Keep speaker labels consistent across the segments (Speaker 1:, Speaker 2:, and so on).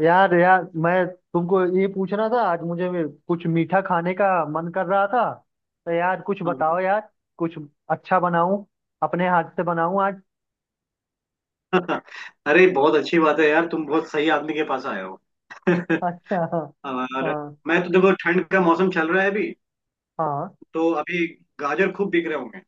Speaker 1: यार यार मैं तुमको ये पूछना था, आज मुझे भी कुछ मीठा खाने का मन कर रहा था। तो यार कुछ बताओ
Speaker 2: हाँ।
Speaker 1: यार, कुछ अच्छा बनाऊं, अपने हाथ से बनाऊं आज।
Speaker 2: अरे बहुत अच्छी बात है यार, तुम बहुत सही आदमी के पास आए हो।
Speaker 1: अच्छा। हाँ।
Speaker 2: और
Speaker 1: हाँ।
Speaker 2: मैं तो देखो, ठंड का मौसम चल रहा है अभी।
Speaker 1: हाँ।
Speaker 2: तो अभी गाजर खूब बिक रहे होंगे।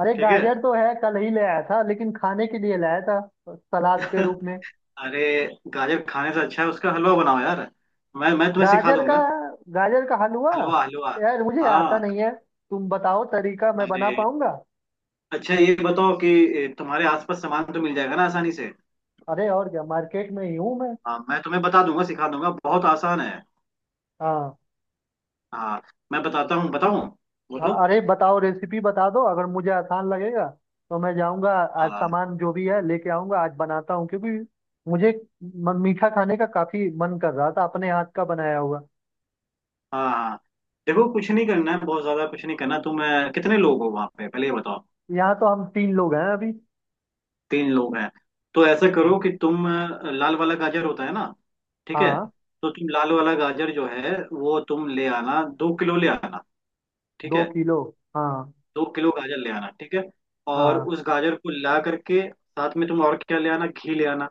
Speaker 1: अरे
Speaker 2: ठीक है।
Speaker 1: गाजर तो है, कल ही ले आया था, लेकिन खाने के लिए लाया था, सलाद के रूप में।
Speaker 2: अरे, गाजर खाने से अच्छा है उसका हलवा बनाओ यार। मैं तुम्हें सिखा
Speaker 1: गाजर का,
Speaker 2: दूंगा।
Speaker 1: गाजर का हलवा?
Speaker 2: हलवा हलवा।
Speaker 1: यार मुझे आता
Speaker 2: हाँ।
Speaker 1: नहीं है। तुम बताओ तरीका, मैं बना
Speaker 2: अरे
Speaker 1: पाऊंगा।
Speaker 2: अच्छा, ये बताओ कि तुम्हारे आसपास सामान तो मिल जाएगा ना आसानी से।
Speaker 1: अरे और क्या, मार्केट में ही हूँ मैं।
Speaker 2: हाँ, मैं तुम्हें बता दूंगा, सिखा दूंगा, बहुत आसान है।
Speaker 1: हाँ।
Speaker 2: हाँ, मैं बताता हूँ बताऊँ,
Speaker 1: हाँ।
Speaker 2: बोलो।
Speaker 1: अरे बताओ, रेसिपी बता दो, अगर मुझे आसान लगेगा तो मैं जाऊंगा। आज
Speaker 2: हाँ,
Speaker 1: सामान जो भी है लेके आऊंगा, आज बनाता हूँ क्योंकि मुझे मीठा खाने का काफी मन कर रहा था, अपने हाथ का बनाया हुआ।
Speaker 2: हाँ, हाँ। देखो, कुछ नहीं करना है, बहुत ज्यादा कुछ नहीं करना। तुम कितने लोग हो वहां पे, पहले ये बताओ।
Speaker 1: यहाँ तो हम तीन लोग हैं अभी।
Speaker 2: तीन लोग हैं, तो ऐसा
Speaker 1: हाँ।
Speaker 2: करो कि तुम लाल वाला गाजर होता है ना। ठीक है।
Speaker 1: हाँ।
Speaker 2: तो तुम लाल वाला गाजर जो है वो तुम ले आना, 2 किलो ले आना। ठीक
Speaker 1: दो
Speaker 2: है,
Speaker 1: किलो हाँ।
Speaker 2: 2 किलो गाजर ले आना। ठीक है। और
Speaker 1: हाँ।
Speaker 2: उस गाजर को ला करके साथ में तुम और क्या ले आना, घी ले आना।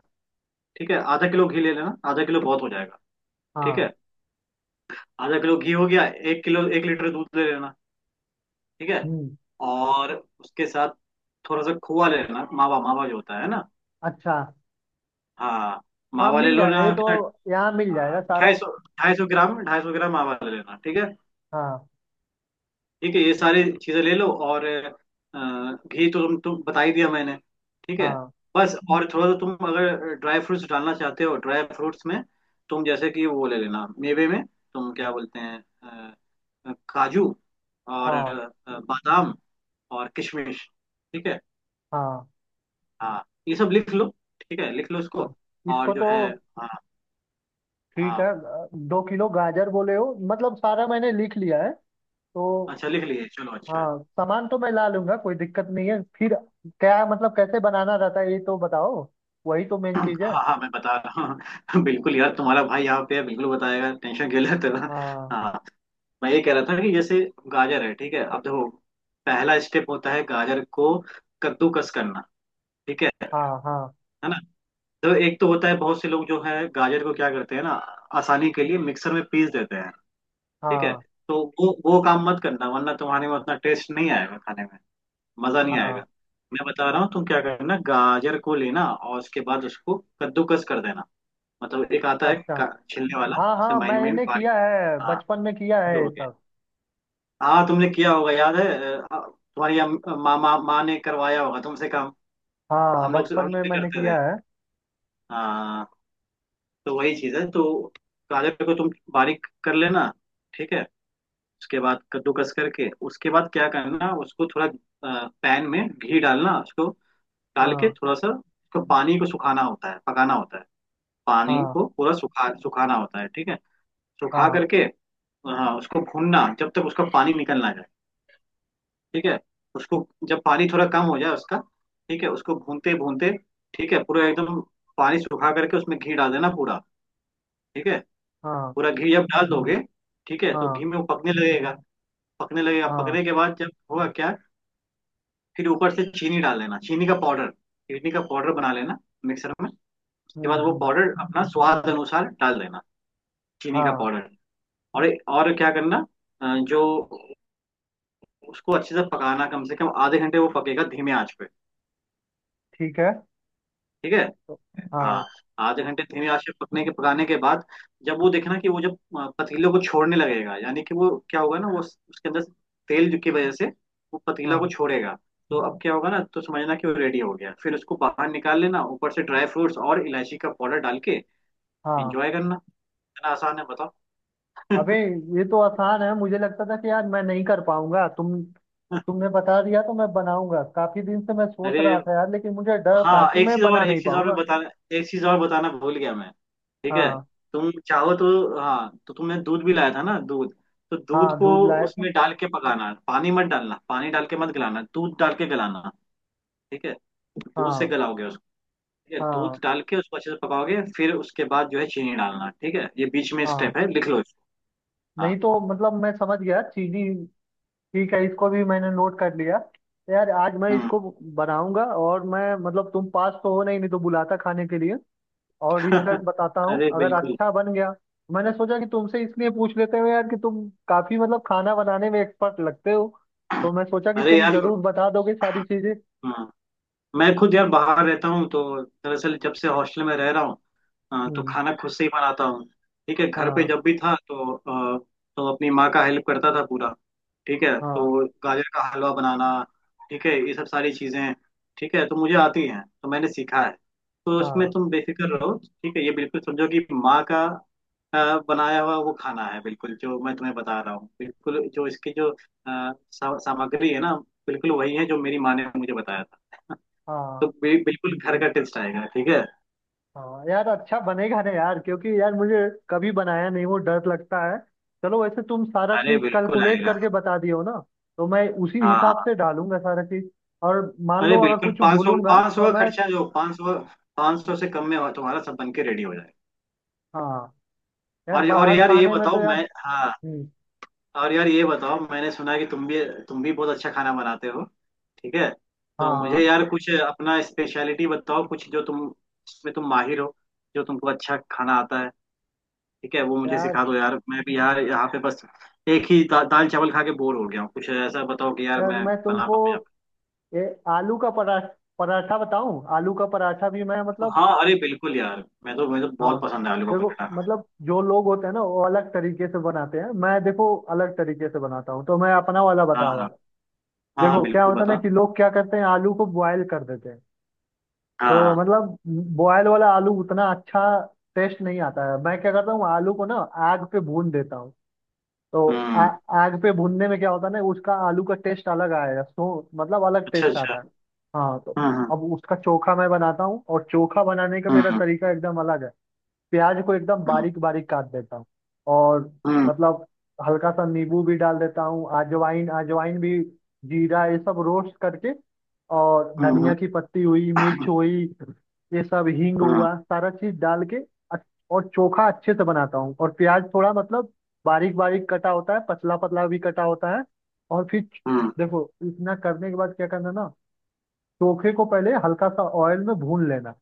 Speaker 2: ठीक है, आधा किलो घी ले लेना, आधा किलो बहुत हो जाएगा। ठीक
Speaker 1: हाँ।
Speaker 2: है। आधा किलो घी हो गया। 1 किलो, 1 लीटर दूध ले लेना। ठीक है।
Speaker 1: हम्म।
Speaker 2: और उसके साथ थोड़ा सा खोआ लेना, मावा, मावा जो होता है ना।
Speaker 1: अच्छा।
Speaker 2: हाँ,
Speaker 1: हाँ
Speaker 2: मावा ले
Speaker 1: मिल
Speaker 2: लो
Speaker 1: जाएगा ये
Speaker 2: ना
Speaker 1: तो,
Speaker 2: क्या।
Speaker 1: यहाँ मिल जाएगा सारा।
Speaker 2: 250, 250 ग्राम, 250 ग्राम मावा ले लेना। ठीक है।
Speaker 1: हाँ।
Speaker 2: ठीक है, ये सारी चीजें ले लो। और घी तो तुम बता ही दिया मैंने। ठीक है।
Speaker 1: हाँ।
Speaker 2: बस और थोड़ा सा तुम अगर ड्राई फ्रूट्स डालना चाहते हो, ड्राई फ्रूट्स में तुम जैसे कि वो ले लेना, मेवे में तुम क्या बोलते हैं, काजू और
Speaker 1: हाँ।
Speaker 2: बादाम और किशमिश। ठीक है।
Speaker 1: हाँ।
Speaker 2: हाँ। ये सब लिख लो। ठीक है, लिख लो
Speaker 1: हाँ।
Speaker 2: इसको। और
Speaker 1: इसको
Speaker 2: जो
Speaker 1: तो
Speaker 2: है। हाँ,
Speaker 1: ठीक है।
Speaker 2: हाँ।
Speaker 1: दो किलो गाजर बोले हो, मतलब सारा मैंने लिख लिया है तो।
Speaker 2: अच्छा, लिख लिए, चलो अच्छा है।
Speaker 1: हाँ सामान तो मैं ला लूंगा, कोई दिक्कत नहीं है फिर। क्या मतलब कैसे बनाना रहता है ये तो बताओ, वही तो मेन
Speaker 2: हाँ,
Speaker 1: चीज है।
Speaker 2: हाँ, मैं बता रहा हूँ। बिल्कुल यार, तुम्हारा भाई यहाँ पे है, बिल्कुल बताएगा, टेंशन क्यों लेते हो।
Speaker 1: हाँ।
Speaker 2: हाँ, मैं ये कह रहा था कि जैसे गाजर है, ठीक है, अब देखो, पहला स्टेप होता है गाजर को कद्दूकस करना। ठीक है
Speaker 1: हाँ। हाँ।
Speaker 2: है ना। तो एक तो होता है, बहुत से लोग जो है गाजर को क्या करते हैं ना, आसानी के लिए मिक्सर में पीस देते हैं। ठीक है।
Speaker 1: हाँ।
Speaker 2: तो वो काम मत करना, वरना तुम्हारे में उतना टेस्ट नहीं आएगा खाने में, मजा नहीं
Speaker 1: हाँ।
Speaker 2: आएगा। मैं बता रहा हूँ, तुम क्या करना, गाजर को लेना और उसके बाद उसको कद्दूकस कर देना। मतलब एक आता है
Speaker 1: अच्छा।
Speaker 2: छिलने वाला,
Speaker 1: हाँ
Speaker 2: उससे
Speaker 1: हाँ
Speaker 2: महीन महीन
Speaker 1: मैंने
Speaker 2: बारीक।
Speaker 1: किया है,
Speaker 2: हाँ,
Speaker 1: बचपन में किया
Speaker 2: ये
Speaker 1: है ये
Speaker 2: हो गया।
Speaker 1: सब।
Speaker 2: हाँ, तुमने किया होगा, याद है। तुम्हारी माँ माँ माँ ने करवाया होगा तुमसे काम।
Speaker 1: हाँ
Speaker 2: हम
Speaker 1: बचपन
Speaker 2: लोग
Speaker 1: में
Speaker 2: भी
Speaker 1: मैंने
Speaker 2: करते थे।
Speaker 1: किया है।
Speaker 2: हाँ, तो वही चीज है, तो गाजर को तुम बारीक कर लेना। ठीक है। उसके बाद कद्दूकस करके उसके बाद क्या करना, उसको थोड़ा पैन में घी डालना, उसको डाल के
Speaker 1: हाँ।
Speaker 2: थोड़ा सा उसको पानी को सुखाना होता है, पकाना होता है। पानी
Speaker 1: हाँ।
Speaker 2: को पूरा सुखाना होता है। ठीक है, सुखा
Speaker 1: हाँ।
Speaker 2: करके। हाँ, उसको भूनना जब तक उसका पानी निकल ना जाए। ठीक है, उसको जब पानी थोड़ा कम हो जाए उसका, ठीक है, उसको भूनते भूनते, ठीक है, पूरा एकदम पानी सुखा करके उसमें घी डाल देना पूरा। ठीक है।
Speaker 1: हाँ।
Speaker 2: पूरा घी जब डाल दोगे, ठीक है, तो घी
Speaker 1: हाँ।
Speaker 2: में वो पकने लगेगा। पकने लगेगा,
Speaker 1: हाँ।
Speaker 2: पकने के बाद जब होगा क्या। फिर ऊपर से चीनी डाल लेना, चीनी का पाउडर, चीनी का पाउडर बना लेना मिक्सर में। उसके बाद
Speaker 1: हम्म।
Speaker 2: वो
Speaker 1: हम्म।
Speaker 2: पाउडर अपना स्वाद अनुसार डाल देना, चीनी का
Speaker 1: हाँ
Speaker 2: पाउडर। और क्या करना, जो उसको अच्छे से पकाना, कम से कम आधे घंटे वो पकेगा धीमे आंच पे।
Speaker 1: ठीक है।
Speaker 2: ठीक है।
Speaker 1: तो- हाँ।
Speaker 2: हाँ, आधे घंटे धीमे आंच पे पकने के पकाने के बाद, जब वो देखना कि वो जब पतीले को छोड़ने लगेगा, यानी कि वो क्या होगा ना, वो उसके अंदर तेल की वजह से वो पतीला को
Speaker 1: हाँ।
Speaker 2: छोड़ेगा। तो अब क्या होगा ना, तो समझना कि वो रेडी हो गया, फिर उसको बाहर निकाल लेना, ऊपर से ड्राई फ्रूट्स और इलायची का पाउडर डाल के
Speaker 1: हाँ।
Speaker 2: एंजॉय करना। इतना आसान है, बताओ।
Speaker 1: अबे ये तो आसान है, मुझे लगता था कि यार मैं नहीं कर पाऊंगा। तुमने बता दिया तो मैं बनाऊंगा। काफी दिन से मैं सोच
Speaker 2: अरे
Speaker 1: रहा था यार, लेकिन मुझे डर था
Speaker 2: हाँ,
Speaker 1: कि
Speaker 2: एक
Speaker 1: मैं
Speaker 2: चीज और,
Speaker 1: बना नहीं
Speaker 2: एक चीज और मैं
Speaker 1: पाऊंगा।
Speaker 2: बताना, एक चीज और बताना भूल गया मैं। ठीक है।
Speaker 1: हाँ।
Speaker 2: तुम चाहो तो, हाँ, तो तुमने दूध भी लाया था ना, दूध, तो दूध
Speaker 1: हाँ
Speaker 2: को
Speaker 1: दूध लाए थे।
Speaker 2: उसमें डाल के पकाना, पानी मत डालना, पानी डाल के मत गलाना, दूध डाल के गलाना। ठीक है। दूध से
Speaker 1: हाँ।
Speaker 2: गलाओगे उसको। ठीक है,
Speaker 1: हाँ।
Speaker 2: दूध डाल के उसको अच्छे से पकाओगे, फिर उसके बाद जो है चीनी डालना। ठीक है, ये बीच में
Speaker 1: हाँ
Speaker 2: स्टेप है, लिख लो इसको। हाँ।
Speaker 1: नहीं तो, मतलब मैं समझ गया, चीनी। ठीक है, इसको भी मैंने नोट कर लिया। तो यार आज मैं
Speaker 2: हम्म।
Speaker 1: इसको बनाऊंगा, और मैं मतलब तुम पास तो हो नहीं, नहीं तो बुलाता खाने के लिए। और इसका बताता हूँ
Speaker 2: अरे
Speaker 1: अगर
Speaker 2: बिल्कुल।
Speaker 1: अच्छा बन गया। मैंने सोचा कि तुमसे इसलिए पूछ लेते हो यार, कि तुम काफी मतलब खाना बनाने में एक्सपर्ट लगते हो, तो मैं सोचा कि
Speaker 2: अरे
Speaker 1: तुम
Speaker 2: यार,
Speaker 1: जरूर बता दोगे सारी चीजें।
Speaker 2: हम्म, मैं खुद यार बाहर रहता हूँ, तो दरअसल जब से हॉस्टल में रह रहा हूँ, हाँ, तो
Speaker 1: हम्म।
Speaker 2: खाना खुद से ही बनाता हूँ। ठीक है, घर पे
Speaker 1: हाँ।
Speaker 2: जब भी था तो तो अपनी माँ का हेल्प करता था पूरा। ठीक है,
Speaker 1: हाँ।
Speaker 2: तो गाजर का हलवा बनाना, ठीक है, ये सब सारी चीजें, ठीक है, तो मुझे आती हैं, तो मैंने सीखा है। तो उसमें
Speaker 1: हाँ।
Speaker 2: तुम बेफिक्र रहो। ठीक है, ये बिल्कुल समझो कि माँ का बनाया हुआ वो खाना है, बिल्कुल जो मैं तुम्हें बता रहा हूँ, बिल्कुल जो इसकी जो सामग्री है ना, बिल्कुल वही है जो मेरी माँ ने मुझे बताया था। तो
Speaker 1: हाँ।
Speaker 2: बिल्कुल घर का टेस्ट आएगा। ठीक है।
Speaker 1: हाँ यार, अच्छा बनेगा ना यार, क्योंकि यार मुझे कभी बनाया नहीं, वो डर लगता है। चलो, वैसे तुम सारा
Speaker 2: अरे
Speaker 1: चीज
Speaker 2: बिल्कुल
Speaker 1: कैलकुलेट
Speaker 2: आएगा।
Speaker 1: करके बता दियो ना, तो मैं उसी
Speaker 2: हाँ,
Speaker 1: हिसाब
Speaker 2: हाँ।
Speaker 1: से डालूंगा सारा चीज। और मान
Speaker 2: अरे
Speaker 1: लो अगर
Speaker 2: बिल्कुल,
Speaker 1: कुछ
Speaker 2: 500,
Speaker 1: भूलूंगा
Speaker 2: 500
Speaker 1: तो
Speaker 2: का
Speaker 1: मैं।
Speaker 2: खर्चा, जो 500, 500 से कम में तुम्हारा सब बन के रेडी हो जाए।
Speaker 1: हाँ। यार
Speaker 2: और
Speaker 1: बाहर
Speaker 2: यार ये
Speaker 1: खाने में तो
Speaker 2: बताओ,
Speaker 1: यार।
Speaker 2: मैं हाँ,
Speaker 1: हम्म।
Speaker 2: और यार ये बताओ, मैंने सुना है कि तुम भी, तुम भी बहुत अच्छा खाना बनाते हो। ठीक है। तो मुझे
Speaker 1: हाँ
Speaker 2: यार कुछ अपना स्पेशलिटी बताओ, कुछ जो तुम, जिसमें तुम माहिर हो, जो तुमको अच्छा खाना आता है, ठीक है, वो मुझे
Speaker 1: यार,
Speaker 2: सिखा दो यार। मैं भी यार यहाँ पे बस एक ही दाल चावल खा के बोर हो गया हूँ, कुछ ऐसा बताओ कि यार
Speaker 1: यार
Speaker 2: मैं
Speaker 1: मैं
Speaker 2: बना
Speaker 1: तुमको
Speaker 2: पाऊँ यहाँ
Speaker 1: ये आलू का पराठा, पराठा बताऊं, आलू का पराठा भी मैं
Speaker 2: पे।
Speaker 1: मतलब।
Speaker 2: हाँ, अरे बिल्कुल यार, मैं तो मुझे तो
Speaker 1: हाँ।
Speaker 2: बहुत पसंद है आलू का
Speaker 1: देखो
Speaker 2: पराठा।
Speaker 1: मतलब जो लोग होते हैं ना, वो अलग तरीके से बनाते हैं, मैं देखो अलग तरीके से बनाता हूँ, तो मैं अपना वाला बता रहा
Speaker 2: हाँ,
Speaker 1: हूँ।
Speaker 2: हाँ,
Speaker 1: देखो क्या
Speaker 2: बिल्कुल
Speaker 1: होता है ना,
Speaker 2: बता।
Speaker 1: कि लोग क्या करते हैं, आलू को बॉयल कर देते हैं। तो
Speaker 2: हाँ।
Speaker 1: मतलब बॉयल वाला आलू उतना अच्छा टेस्ट नहीं आता है। मैं क्या करता हूँ, आलू को ना आग पे भून देता हूँ। तो
Speaker 2: हम्म।
Speaker 1: आग पे भूनने में क्या होता है ना, उसका आलू का टेस्ट अलग आएगा, सो मतलब अलग
Speaker 2: अच्छा,
Speaker 1: टेस्ट
Speaker 2: अच्छा।
Speaker 1: आता है। हाँ तो
Speaker 2: हम्म,
Speaker 1: अब उसका चोखा मैं बनाता हूँ, और चोखा बनाने का मेरा
Speaker 2: हम्म,
Speaker 1: तरीका एकदम अलग है। प्याज को एकदम
Speaker 2: हम्म,
Speaker 1: बारीक बारीक काट देता हूँ, और
Speaker 2: हम्म,
Speaker 1: मतलब हल्का सा नींबू भी डाल देता हूँ, अजवाइन, अजवाइन भी, जीरा, ये सब रोस्ट करके। और
Speaker 2: हम्म,
Speaker 1: धनिया
Speaker 2: हम्म,
Speaker 1: की पत्ती हुई, मिर्च हुई, ये सब हींग
Speaker 2: हम्म,
Speaker 1: हुआ, सारा चीज डाल के अच्छ- और चोखा अच्छे से बनाता हूँ। और प्याज थोड़ा मतलब बारीक बारीक कटा होता है, पतला पतला भी कटा होता है। और फिर
Speaker 2: हम्म,
Speaker 1: देखो, इतना करने के बाद क्या करना ना, चोखे को पहले हल्का सा ऑयल में भून लेना,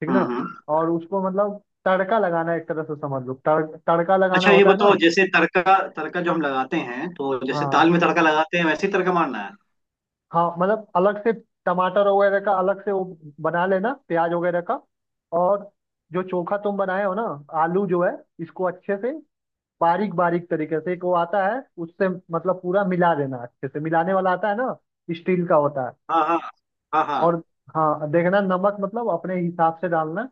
Speaker 1: ठीक ना।
Speaker 2: हम्म।
Speaker 1: और उसको मतलब तड़का लगाना है, एक तरह से समझ लो, तड़का लगाना
Speaker 2: अच्छा, ये
Speaker 1: होता है
Speaker 2: बताओ,
Speaker 1: ना।
Speaker 2: जैसे तड़का, तड़का जो हम लगाते हैं, तो जैसे
Speaker 1: हाँ।
Speaker 2: दाल में तड़का लगाते हैं वैसे ही तड़का मारना है।
Speaker 1: हाँ मतलब अलग से टमाटर वगैरह का, अलग से वो बना लेना, प्याज वगैरह का। और जो चोखा तुम बनाए हो ना, आलू जो है, इसको अच्छे से बारीक बारीक तरीके से, एक वो आता है उससे मतलब पूरा मिला देना। अच्छे से मिलाने वाला आता है ना, स्टील का होता है।
Speaker 2: हाँ, हाँ, हाँ, हाँ।
Speaker 1: और हाँ देखना, नमक मतलब अपने हिसाब से डालना।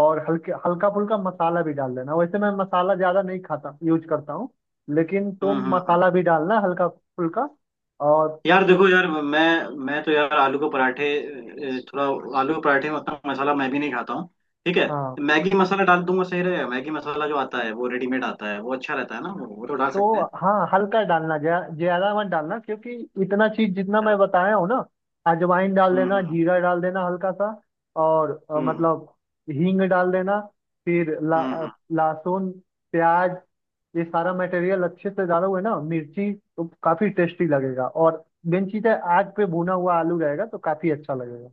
Speaker 1: और हल्के हल्का फुल्का मसाला भी डाल देना, वैसे मैं मसाला ज़्यादा नहीं खाता, यूज करता हूँ, लेकिन
Speaker 2: हम्म,
Speaker 1: तुम
Speaker 2: हम्म, हम्म।
Speaker 1: मसाला भी डालना हल्का फुल्का। और
Speaker 2: यार देखो यार, मैं तो यार आलू के पराठे में उतना मसाला मैं भी नहीं खाता हूँ। ठीक है।
Speaker 1: हाँ।
Speaker 2: मैगी मसाला डाल दूंगा, सही रहेगा। मैगी मसाला जो आता है वो रेडीमेड आता है, वो अच्छा रहता है ना, वो तो डाल सकते
Speaker 1: तो
Speaker 2: हैं।
Speaker 1: हाँ हल्का डालना, ज़्यादा मत डालना, क्योंकि इतना चीज़ जितना
Speaker 2: अच्छा।
Speaker 1: मैं बताया हूँ ना। अजवाइन डाल
Speaker 2: हम्म,
Speaker 1: देना,
Speaker 2: हम्म,
Speaker 1: जीरा डाल देना हल्का सा। और
Speaker 2: हम्म, हम्म,
Speaker 1: मतलब हींग डाल देना, फिर
Speaker 2: हम्म, हम्म।
Speaker 1: लहसुन, प्याज, ये सारा मटेरियल अच्छे से डाला हुआ है ना, मिर्ची, तो काफी टेस्टी लगेगा। और मेन चीज है आग पे भुना हुआ आलू रहेगा तो काफी अच्छा लगेगा।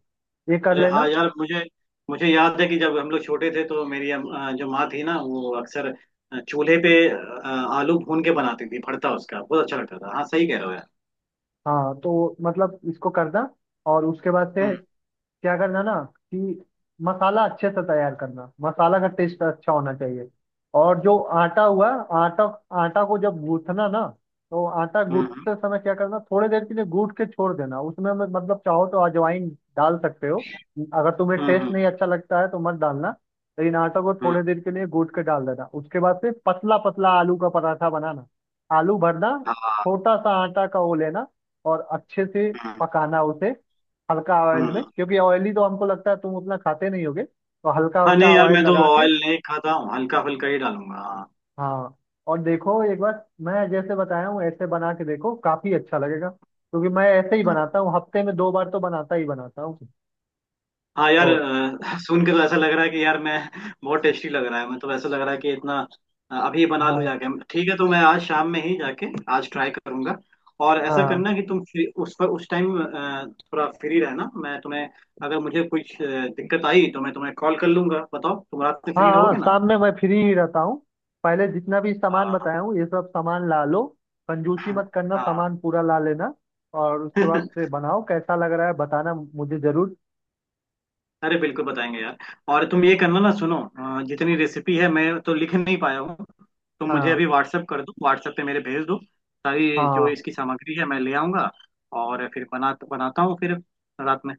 Speaker 1: ये कर
Speaker 2: अरे
Speaker 1: लेना।
Speaker 2: हाँ यार, मुझे मुझे याद है कि जब हम लोग छोटे थे, तो मेरी जो माँ थी ना, वो अक्सर चूल्हे पे आलू भून के बनाती थी भरता, उसका बहुत अच्छा लगता था। हाँ, सही कह रहे हो यार।
Speaker 1: हाँ तो मतलब इसको करना, और उसके बाद से
Speaker 2: हम्म,
Speaker 1: क्या करना ना, कि मसाला अच्छे से तैयार करना, मसाला का टेस्ट अच्छा होना चाहिए। और जो आटा हुआ, आटा, आटा को जब गूंथना ना, तो आटा
Speaker 2: हम्म, हम्म,
Speaker 1: गूंथते समय क्या करना, थोड़ी देर के लिए गूंथ के छोड़ देना। उसमें में मतलब चाहो तो अजवाइन डाल सकते हो, अगर तुम्हें
Speaker 2: हम्म,
Speaker 1: टेस्ट नहीं अच्छा लगता है तो मत डालना। लेकिन आटा को
Speaker 2: हम्म।
Speaker 1: थोड़ी देर के लिए गूंथ के डाल देना, उसके बाद फिर पतला पतला आलू का पराठा बनाना, आलू भरना,
Speaker 2: हाँ।
Speaker 1: छोटा सा आटा का वो लेना, और अच्छे से
Speaker 2: हम्म,
Speaker 1: पकाना उसे, हल्का ऑयल में,
Speaker 2: हम्म।
Speaker 1: क्योंकि ऑयली तो हमको लगता है तुम उतना खाते नहीं होगे, तो हल्का
Speaker 2: हाँ नहीं
Speaker 1: हल्का
Speaker 2: यार,
Speaker 1: ऑयल
Speaker 2: मैं तो
Speaker 1: लगा के।
Speaker 2: ऑयल नहीं खाता हूँ, हल्का फुल्का ही डालूंगा। हाँ।
Speaker 1: हाँ और देखो, एक बार मैं जैसे बताया हूँ ऐसे बना के देखो, काफी अच्छा लगेगा, क्योंकि मैं ऐसे ही
Speaker 2: हम्म।
Speaker 1: बनाता हूँ, हफ्ते में दो बार तो बनाता ही बनाता हूँ।
Speaker 2: हाँ यार,
Speaker 1: तो
Speaker 2: सुन के तो ऐसा लग रहा है कि यार मैं बहुत टेस्टी लग रहा है। मैं तो ऐसा लग रहा है कि इतना अभी बना लूँ
Speaker 1: हाँ।
Speaker 2: जाके। ठीक है, तो मैं आज शाम में ही जाके आज ट्राई करूंगा। और ऐसा
Speaker 1: हाँ।
Speaker 2: करना कि तुम फ्री, उस टाइम थोड़ा फ्री रहना। मैं तुम्हें अगर मुझे कुछ दिक्कत आई तो मैं तुम्हें कॉल कर लूंगा। बताओ तुम रात में
Speaker 1: हाँ।
Speaker 2: फ्री
Speaker 1: हाँ,
Speaker 2: रहोगे ना।
Speaker 1: शाम में मैं फ्री ही रहता हूँ। पहले जितना भी सामान
Speaker 2: हाँ।
Speaker 1: बताया हूँ, ये सब सामान ला लो, कंजूसी मत करना,
Speaker 2: हाँ।
Speaker 1: सामान पूरा ला लेना। और उसके बाद से बनाओ, कैसा लग रहा है बताना मुझे जरूर।
Speaker 2: अरे बिल्कुल बताएंगे यार। और तुम ये करना ना, सुनो, जितनी रेसिपी है मैं तो लिख नहीं पाया हूँ, तो मुझे
Speaker 1: हाँ।
Speaker 2: अभी व्हाट्सअप कर दो, व्हाट्सएप पे मेरे भेज दो। सारी जो
Speaker 1: हाँ।
Speaker 2: इसकी सामग्री है मैं ले आऊंगा। और फिर बनाता हूँ फिर रात में।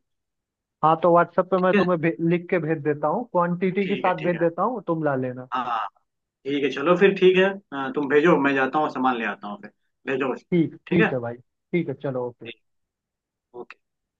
Speaker 1: हाँ तो व्हाट्सएप पे मैं
Speaker 2: ठीक है,
Speaker 1: तुम्हें लिख के भेज देता हूँ, क्वांटिटी के
Speaker 2: ठीक है।
Speaker 1: साथ
Speaker 2: ठीक
Speaker 1: भेज
Speaker 2: है।
Speaker 1: देता हूँ, तुम ला लेना।
Speaker 2: हाँ। ठीक है, चलो फिर। ठीक है, तुम भेजो, मैं जाता हूँ सामान ले आता हूँ फिर। भेजो बस।
Speaker 1: ठीक
Speaker 2: ठीक
Speaker 1: ठीक
Speaker 2: है।
Speaker 1: है भाई, ठीक है, चलो, ओके।
Speaker 2: ठीक। ओके।